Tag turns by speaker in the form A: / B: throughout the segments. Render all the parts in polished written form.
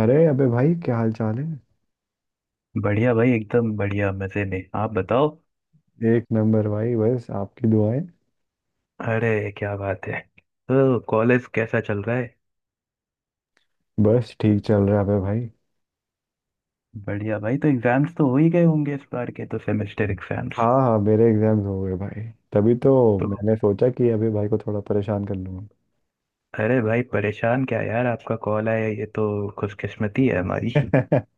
A: अरे अबे भाई, क्या हाल चाल है।
B: बढ़िया भाई एकदम बढ़िया मजे में। आप बताओ।
A: एक नंबर भाई, बस आपकी दुआएं।
B: अरे क्या बात है। तो कॉलेज कैसा चल रहा है?
A: बस ठीक चल रहा है अबे भाई।
B: बढ़िया भाई। तो एग्जाम्स तो हो ही गए होंगे इस बार के, तो सेमेस्टर एग्जाम्स।
A: हाँ हाँ, मेरे एग्जाम्स हो गए भाई, तभी तो
B: तो
A: मैंने सोचा कि अबे भाई को थोड़ा परेशान कर लूंगा।
B: अरे भाई परेशान क्या यार, आपका कॉल आया ये तो खुशकिस्मती है हमारी।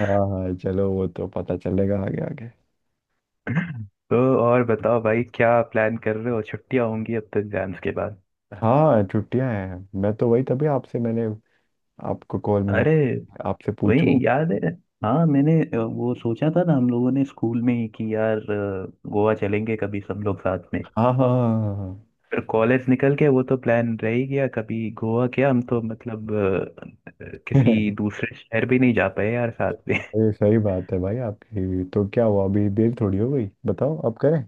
A: हाँ हाँ, चलो वो तो पता चलेगा आगे आगे।
B: तो और बताओ भाई, क्या प्लान कर रहे हो? छुट्टियां होंगी अब तो एग्जाम्स के बाद।
A: हाँ, छुट्टियां हैं। मैं तो वही, तभी आपसे मैंने आपको कॉल मिला,
B: अरे
A: आपसे
B: वही
A: पूछूं।
B: याद है। हाँ मैंने वो सोचा था ना हम लोगों ने स्कूल में ही कि यार गोवा चलेंगे कभी सब लोग साथ में।
A: हाँ हाँ हाँ हाँ।
B: फिर कॉलेज निकल के वो तो प्लान रह ही गया, कभी गोवा क्या, हम तो मतलब किसी
A: हाँ।
B: दूसरे शहर भी नहीं जा पाए यार साथ में।
A: ये सही बात है भाई आपकी, तो क्या हुआ, अभी देर थोड़ी हो गई, बताओ आप करें।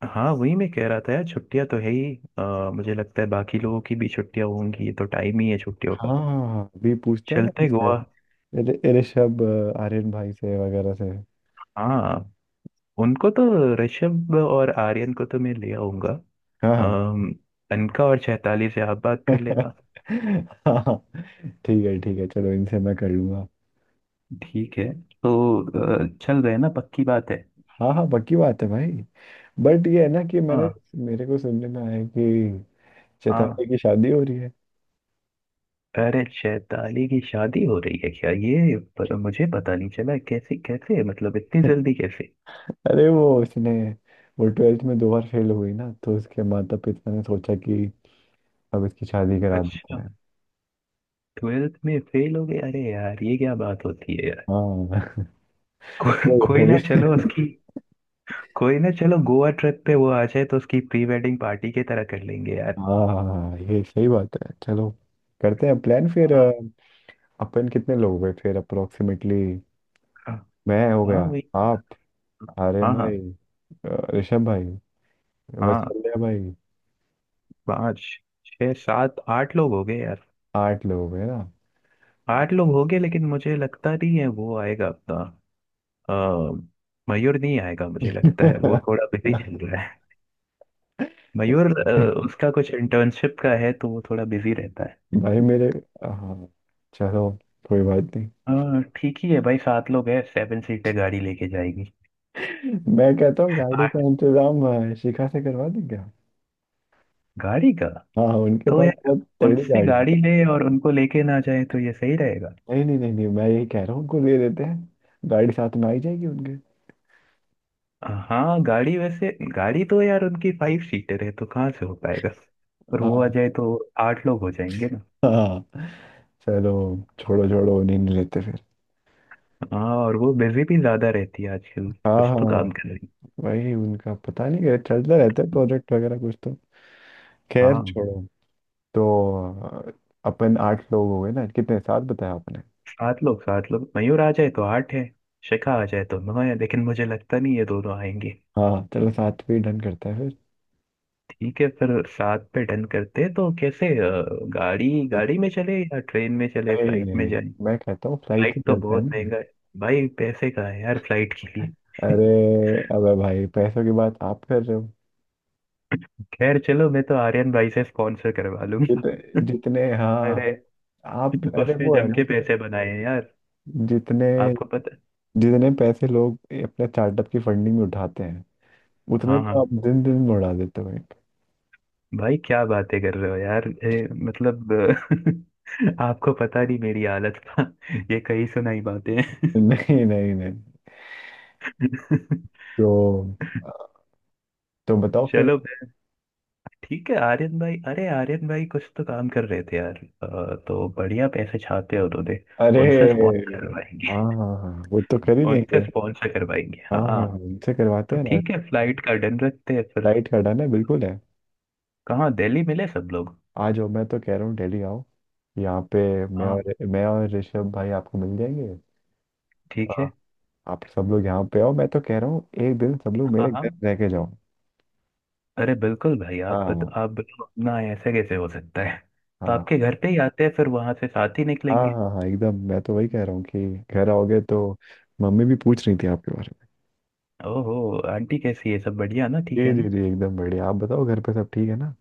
B: हाँ वही मैं कह रहा था यार, छुट्टियां तो है ही। मुझे लगता है बाकी लोगों की भी छुट्टियां होंगी, ये तो टाइम ही है छुट्टियों का।
A: हाँ हाँ, हाँ, अभी पूछते हैं ना
B: चलते गोवा।
A: ऋषभ, आर्यन भाई से वगैरह से।
B: हाँ उनको तो, ऋषभ और आर्यन को तो मैं ले आऊंगा।
A: हाँ हाँ।
B: अम, अनका और चैताली से आप बात कर लेना।
A: हाँ, ठीक है ठीक है, चलो इनसे मैं कर लूंगा।
B: ठीक है। तो चल रहे हैं ना, पक्की बात है।
A: हाँ हाँ, पक्की बात है भाई। बट ये है ना कि मैंने
B: हाँ
A: मेरे को सुनने में आया कि
B: हाँ।
A: चैताली की शादी हो रही है।
B: अरे शैताली की शादी हो रही है क्या? ये पर मुझे पता नहीं चला, कैसे कैसे मतलब इतनी जल्दी कैसे?
A: अरे वो उसने, वो ट्वेल्थ में 2 बार फेल हुई ना, तो उसके माता पिता ने सोचा कि अब इसकी शादी करा देते
B: अच्छा।
A: हैं।
B: ट्वेल्थ में फेल हो गए? अरे यार ये क्या बात होती है यार।
A: हाँ।
B: को, कोई ना चलो उसकी, कोई ना चलो गोवा ट्रिप पे वो आ जाए तो उसकी प्री वेडिंग पार्टी की तरह कर लेंगे यार।
A: हाँ हाँ, ये सही बात है, चलो करते हैं प्लान फिर।
B: हाँ
A: अपन कितने लोग हुए फिर अप्रोक्सीमेटली?
B: हाँ
A: मैं हो गया,
B: हाँ, वही।
A: आप, आर्यन
B: हाँ हाँ
A: भाई, ऋषभ भाई,
B: हाँ।
A: वत्सल्य भाई।
B: पाँच छः सात आठ लोग हो गए यार।
A: आठ लोग हुए ना।
B: आठ लोग हो गए लेकिन मुझे लगता नहीं है वो आएगा अपना। अ, मयूर नहीं आएगा, मुझे लगता है वो थोड़ा बिजी चल रहा है। मयूर उसका कुछ इंटर्नशिप का है तो वो थोड़ा बिजी रहता है।
A: भाई मेरे। हाँ चलो, कोई बात नहीं।
B: हाँ ठीक ही है भाई, सात लोग हैं, सेवन सीटर गाड़ी लेके जाएगी।
A: मैं कहता हूँ गाड़ी
B: आठ।
A: का इंतजाम शिखा से करवा दें क्या।
B: गाड़ी का।
A: हाँ, उनके
B: तो
A: पास
B: यार
A: बहुत तगड़ी
B: उनसे
A: गाड़ी है।
B: गाड़ी ले और उनको लेके ना जाए तो ये सही रहेगा।
A: नहीं नहीं नहीं नहीं, मैं यही कह रहा हूँ उनको दे देते हैं, गाड़ी साथ में आई जाएगी उनके।
B: हाँ गाड़ी वैसे, गाड़ी तो यार उनकी फाइव सीटर है तो कहाँ से हो पाएगा? और वो आ
A: हाँ
B: जाए तो आठ लोग हो जाएंगे ना।
A: हाँ। चलो छोड़ो छोड़ो, उन्हीं ने लेते फिर।
B: हाँ और वो बिजी भी ज्यादा रहती है आजकल,
A: हाँ
B: कुछ
A: हाँ
B: तो
A: हाँ।
B: काम कर रही
A: वही, उनका पता नहीं क्या चलता रहता है,
B: है।
A: प्रोजेक्ट वगैरह कुछ तो। खैर
B: हाँ
A: छोड़ो। तो अ, अपन आठ लोग हो गए ना, कितने, सात बताया आपने।
B: सात लोग, सात लोग। मयूर आ जाए तो आठ है, शिखा आ जाए तो नौ है, लेकिन मुझे लगता नहीं ये दोनों आएंगे।
A: हाँ चलो, सात पे डन करते हैं
B: ठीक है, फिर सात पे डन करते हैं। तो कैसे, गाड़ी
A: फिर।
B: गाड़ी में चले या ट्रेन में चले,
A: नहीं
B: फ्लाइट
A: नहीं
B: में
A: नहीं,
B: जाए?
A: मैं कहता हूँ फ्लाइट से
B: फ्लाइट तो
A: चलते हैं
B: बहुत
A: ना।
B: महंगा है। भाई पैसे कहाँ है यार फ्लाइट के लिए।
A: अरे अबे भाई, पैसों की बात आप कर रहे हो।
B: खैर चलो, मैं तो आर्यन भाई से स्पॉन्सर करवा लूंगा।
A: जितने, जितने, हाँ
B: अरे
A: आप, अरे
B: उसने
A: वो है
B: जम
A: ना
B: के
A: कि
B: पैसे बनाए हैं यार,
A: जितने
B: आपको पता।
A: जितने पैसे लोग अपने स्टार्टअप की फंडिंग में उठाते हैं, उतने
B: हाँ हाँ।
A: तो आप दिन दिन में उड़ा देते हो एक।
B: भाई क्या बातें कर रहे हो यार, मतलब आपको पता नहीं मेरी हालत का, ये कहीं सुनाई बातें।
A: नहीं नहीं नहीं। तो तो बताओ फिर।
B: चलो भाई, ठीक है। आर्यन भाई, अरे आर्यन भाई कुछ तो काम कर रहे थे यार, तो बढ़िया पैसे छापे हैं उन्होंने।
A: अरे
B: उनसे स्पॉन्सर करवाएंगे।
A: हाँ हाँ हाँ, वो तो कर ही
B: उनसे
A: देंगे।
B: स्पॉन्सर करवाएंगे,
A: हाँ
B: हाँ
A: हाँ
B: हाँ।
A: हाँ, उनसे करवाते
B: तो
A: हैं ना।
B: ठीक है, फ्लाइट का डन रखते हैं फिर।
A: लाइट का डन है, बिल्कुल है।
B: कहाँ, दिल्ली मिले सब लोग?
A: आ जाओ, मैं तो कह रहा हूँ दिल्ली आओ यहाँ पे, मैं
B: हाँ
A: और मैं और ऋषभ भाई आपको मिल जाएंगे।
B: ठीक है।
A: हाँ। आप सब लोग यहाँ पे आओ, मैं तो कह रहा हूँ एक दिन सब लोग
B: हाँ
A: मेरे
B: हाँ
A: घर रह के जाओ।
B: अरे बिल्कुल भाई।
A: हाँ
B: आप बिल्कुल ना, ऐसे कैसे हो सकता है? तो
A: हाँ।
B: आपके घर पे ही आते हैं, फिर वहां से साथ ही
A: हाँ
B: निकलेंगे।
A: हाँ, हाँ एकदम, मैं तो वही कह रहा हूँ कि घर आओगे तो मम्मी भी पूछ रही थी आपके बारे में।
B: ओहो, आंटी कैसी है, सब बढ़िया ना, ठीक
A: जी
B: है ना?
A: जी जी, एकदम बढ़िया, आप बताओ घर पे सब ठीक है ना।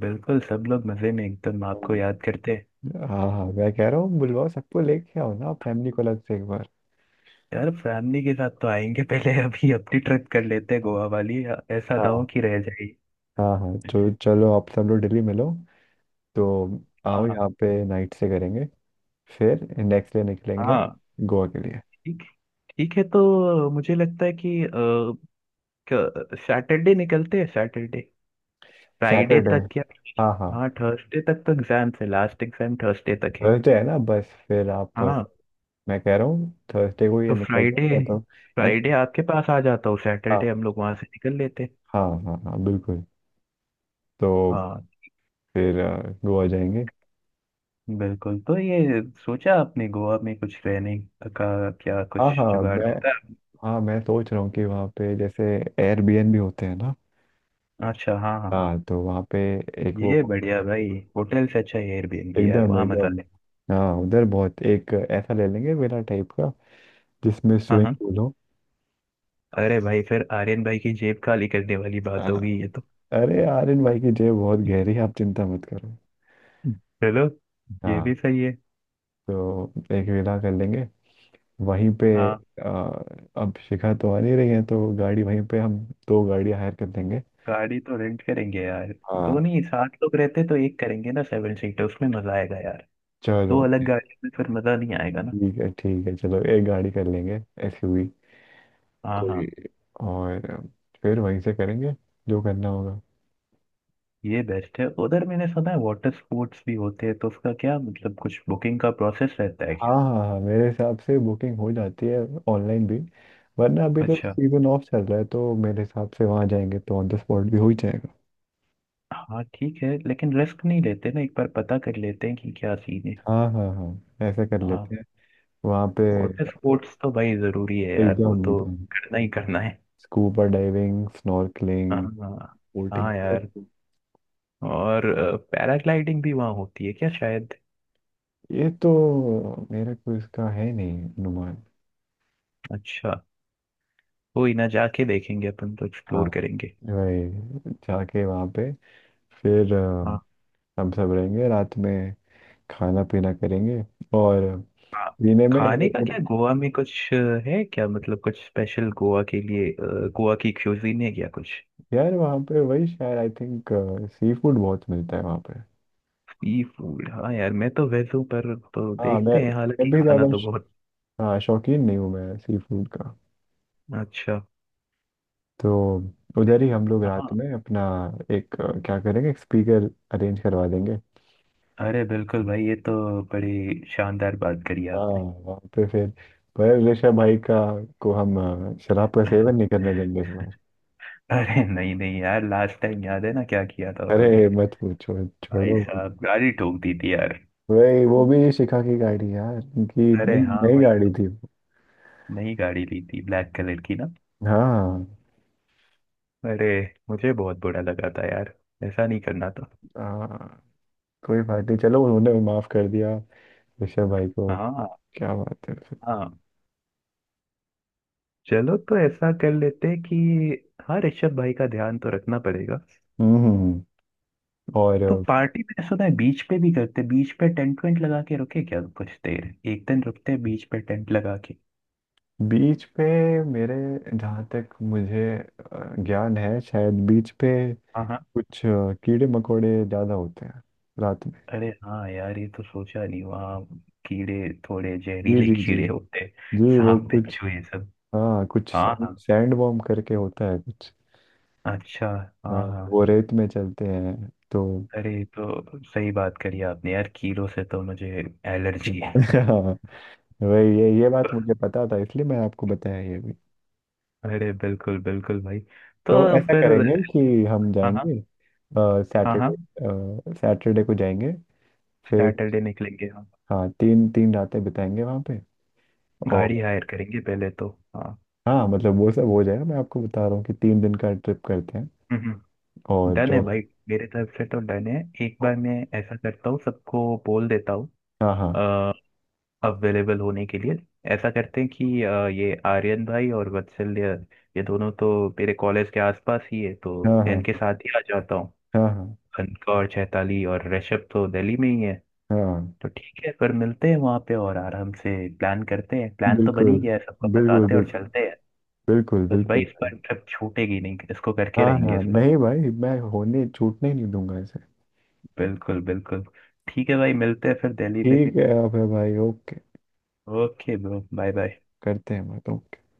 B: बिल्कुल, सब लोग मजे में एकदम, आपको याद करते हैं।
A: हाँ हाँ, मैं कह रहा हूँ बुलवाओ, सबको लेके आओ ना, फैमिली को अलग से एक बार।
B: यार फैमिली के साथ तो आएंगे, पहले अभी अपनी ट्रिप कर लेते हैं
A: हाँ
B: गोवा वाली, ऐसा ना हो कि रह जाए।
A: हाँ हाँ, तो चलो आप सब लोग दिल्ली मिलो तो,
B: हाँ
A: आओ
B: हाँ
A: यहाँ पे, नाइट से करेंगे, फिर नेक्स्ट डे निकलेंगे
B: हाँ।
A: गोवा के लिए।
B: ठीक, ठीक है। तो मुझे लगता है कि सैटरडे निकलते हैं, सैटरडे, फ्राइडे
A: सैटरडे,
B: तक या।
A: हाँ हाँ।
B: हाँ थर्सडे तक तो एग्जाम्स है, लास्ट एग्जाम थर्सडे तक है।
A: थर्सडे है ना, बस फिर आप,
B: हाँ
A: मैं कह रहा हूँ थर्सडे को ये
B: तो
A: निकल जाए
B: फ्राइडे,
A: या तो, या तो।
B: फ्राइडे आपके पास आ जाता हूँ, सैटरडे
A: हाँ
B: हम लोग वहां से निकल लेते।
A: हाँ हाँ हाँ बिल्कुल। तो
B: हाँ
A: फिर गोवा जाएंगे।
B: बिल्कुल। तो ये सोचा आपने गोवा में कुछ रहने का, क्या कुछ
A: हाँ हाँ
B: जुगाड़
A: मैं,
B: पता
A: हाँ मैं सोच रहा हूँ कि वहाँ पे जैसे एयरबीएनबी होते हैं ना।
B: है? अच्छा हाँ हाँ।
A: हाँ, तो वहाँ पे एक वो,
B: ये बढ़िया भाई, होटल से अच्छा एयरबीएनबी यार,
A: एकदम
B: वहाँ मजा
A: एकदम।
B: है।
A: हाँ, उधर बहुत एक ऐसा ले लेंगे मेरा टाइप का, जिसमें
B: हाँ
A: स्विमिंग
B: हाँ।
A: पूल हो।
B: अरे भाई फिर आर्यन भाई की जेब खाली करने वाली बात
A: हाँ।
B: होगी ये तो।
A: अरे आर्यन भाई की जेब बहुत गहरी है, आप चिंता मत करो।
B: चलो, ये
A: हाँ,
B: भी सही है।
A: तो एक विला कर लेंगे वहीं पे।
B: हाँ।
A: आ, अब शिखा तो आ नहीं रही है तो गाड़ी वहीं पे हम, दो गाड़ियाँ हायर कर देंगे।
B: गाड़ी तो रेंट करेंगे यार,
A: हाँ।
B: दोनों ही। सात लोग रहते तो एक करेंगे ना सेवन सीटर, उसमें मजा आएगा यार। दो
A: चलो
B: अलग गाड़ियों में फिर मजा नहीं आएगा ना।
A: ठीक है ठीक है, चलो एक गाड़ी कर लेंगे, एसयूवी
B: हाँ हाँ।
A: कोई, और फिर वहीं से करेंगे जो करना होगा।
B: ये बेस्ट है। उधर मैंने सुना है वाटर स्पोर्ट्स भी होते हैं, तो उसका क्या मतलब, कुछ बुकिंग का प्रोसेस रहता है
A: हाँ
B: क्या?
A: हाँ हाँ, मेरे हिसाब से बुकिंग हो जाती है, ऑनलाइन भी। वरना अभी तो
B: अच्छा
A: सीजन ऑफ चल रहा है, तो मेरे हिसाब से वहाँ जाएंगे तो ऑन द स्पॉट भी हो ही जाएगा।
B: हाँ ठीक है, लेकिन रिस्क नहीं लेते ना, एक बार पता कर लेते हैं कि क्या सीन है।
A: हाँ हाँ हाँ, ऐसा कर
B: हाँ।
A: लेते हैं। वहाँ पे,
B: वाटर स्पोर्ट्स तो भाई जरूरी है यार, वो
A: एकदम
B: तो
A: एकदम।
B: करना ही करना है।
A: स्कूबा डाइविंग,
B: हाँ
A: स्नॉर्कलिंग, बोटिंग।
B: हाँ यार। और पैराग्लाइडिंग भी वहाँ होती है क्या शायद?
A: ये तो मेरा कोई इसका है नहीं अनुमान।
B: अच्छा, कोई ना, जाके देखेंगे अपन, तो
A: हाँ
B: एक्सप्लोर करेंगे।
A: वही, जाके वहाँ पे, फिर
B: हाँ,
A: हम सब रहेंगे रात में, खाना पीना करेंगे और,
B: हाँ,
A: पीने में।
B: खाने का क्या, गोवा में कुछ है क्या, मतलब कुछ स्पेशल गोवा के लिए, गोवा की क्यूजीन है क्या कुछ?
A: यार वहाँ पे वही शायद आई थिंक सी फूड बहुत मिलता है वहाँ पे।
B: सी फूड, हाँ यार मैं तो वेज हूँ पर, तो
A: हाँ मैं
B: देखते हैं,
A: मैं
B: हालांकि
A: भी
B: खाना
A: ज़्यादा
B: तो बहुत
A: हाँ शौकीन नहीं हूँ मैं सी फूड का।
B: अच्छा।
A: तो उधर ही हम लोग रात
B: हाँ।
A: में अपना एक क्या करेंगे, एक स्पीकर अरेंज करवा देंगे।
B: अरे बिल्कुल भाई, ये तो बड़ी शानदार बात करी
A: हाँ,
B: आपने।
A: वहाँ पे फिर, पर ऋषभ भाई का को हम शराब का सेवन नहीं करने देंगे इस बार।
B: अरे नहीं नहीं यार, लास्ट टाइम याद है ना क्या किया था उन्होंने।
A: अरे मत पूछो
B: भाई
A: छोड़ो।
B: साहब गाड़ी ठोक दी थी यार।
A: वही, वो भी शिखा की गाड़ी यार उनकी, नई
B: अरे हाँ
A: नई
B: वही
A: गाड़ी
B: तो।
A: थी वो।
B: नई गाड़ी ली थी ब्लैक कलर की ना।
A: हाँ
B: अरे, मुझे बहुत बुरा लगा था यार, ऐसा नहीं करना था।
A: हाँ, कोई बात नहीं, चलो उन्होंने माफ कर दिया ऋषभ भाई को,
B: हाँ
A: क्या बात है फिर।
B: हाँ। चलो तो ऐसा कर लेते हैं कि, हाँ ऋषभ भाई का ध्यान तो रखना पड़ेगा।
A: हम्म हम्म, और
B: तो पार्टी मैंने सुना है बीच पे भी करते, बीच पे टेंट वेंट लगा के रुके क्या कुछ देर, एक दिन रुकते हैं बीच पे टेंट लगा के।
A: बीच पे मेरे, जहाँ तक मुझे ज्ञान है शायद बीच पे
B: हाँ हाँ।
A: कुछ कीड़े मकोड़े ज्यादा होते हैं रात में।
B: अरे हाँ यार ये तो सोचा नहीं, वहाँ कीड़े, थोड़े
A: जी
B: जहरीले
A: जी जी
B: कीड़े होते हैं,
A: जी, वो
B: सांप
A: कुछ,
B: बिच्छू ये सब।
A: हाँ कुछ
B: हाँ
A: सैंड
B: हाँ।
A: सैंड वॉर्म करके होता है कुछ।
B: अच्छा
A: हाँ
B: हाँ हाँ।
A: वो रेत में चलते हैं तो।
B: अरे ये तो सही बात करी आपने यार, कीड़ों से तो मुझे एलर्जी है।
A: हाँ वही, ये बात मुझे पता था इसलिए मैं आपको बताया ये भी।
B: अरे बिल्कुल बिल्कुल भाई।
A: तो
B: तो
A: ऐसा
B: फिर,
A: करेंगे कि हम
B: हाँ हाँ
A: जाएंगे
B: हाँ हाँ,
A: सैटरडे, सैटरडे को जाएंगे फिर।
B: सैटरडे निकलेंगे हम,
A: हाँ, तीन तीन रातें बिताएंगे वहाँ पे, और,
B: गाड़ी हायर करेंगे पहले तो। हाँ
A: हाँ मतलब वो सब हो जाएगा, मैं आपको बता रहा हूँ कि 3 दिन का ट्रिप करते हैं।
B: हम्म हम्म।
A: और
B: डन है
A: जो,
B: भाई, मेरे तरफ से तो डन है। एक बार मैं ऐसा करता हूँ, सबको बोल देता हूँ
A: हाँ हाँ
B: अवेलेबल होने के लिए। ऐसा करते हैं कि ये आर्यन भाई और वत्सल, ये दोनों तो मेरे कॉलेज के आसपास ही है तो
A: हाँ
B: मैं
A: हाँ
B: इनके साथ ही आ जाता हूँ।
A: हाँ हाँ
B: कनकौर चैताली और ऋषभ तो दिल्ली में ही है।
A: हाँ
B: तो ठीक है, फिर मिलते हैं वहां पे और आराम से प्लान करते हैं। प्लान तो बन ही
A: बिल्कुल,
B: गया है, सबको
A: बिल्कुल
B: बताते हैं और
A: बिल्कुल,
B: चलते हैं।
A: बिल्कुल
B: बस भाई
A: बिल्कुल
B: इस
A: भाई।
B: बार ट्रिप छूटेगी नहीं, इसको करके
A: हाँ
B: रहेंगे
A: हाँ
B: इस बार।
A: नहीं भाई, मैं होने, छूटने ही नहीं दूंगा इसे।
B: बिल्कुल बिल्कुल। ठीक है भाई, मिलते हैं फिर दिल्ली में।
A: ठीक है अब भाई, okay,
B: okay bro, bye bye.
A: करते हैं बात, ओके।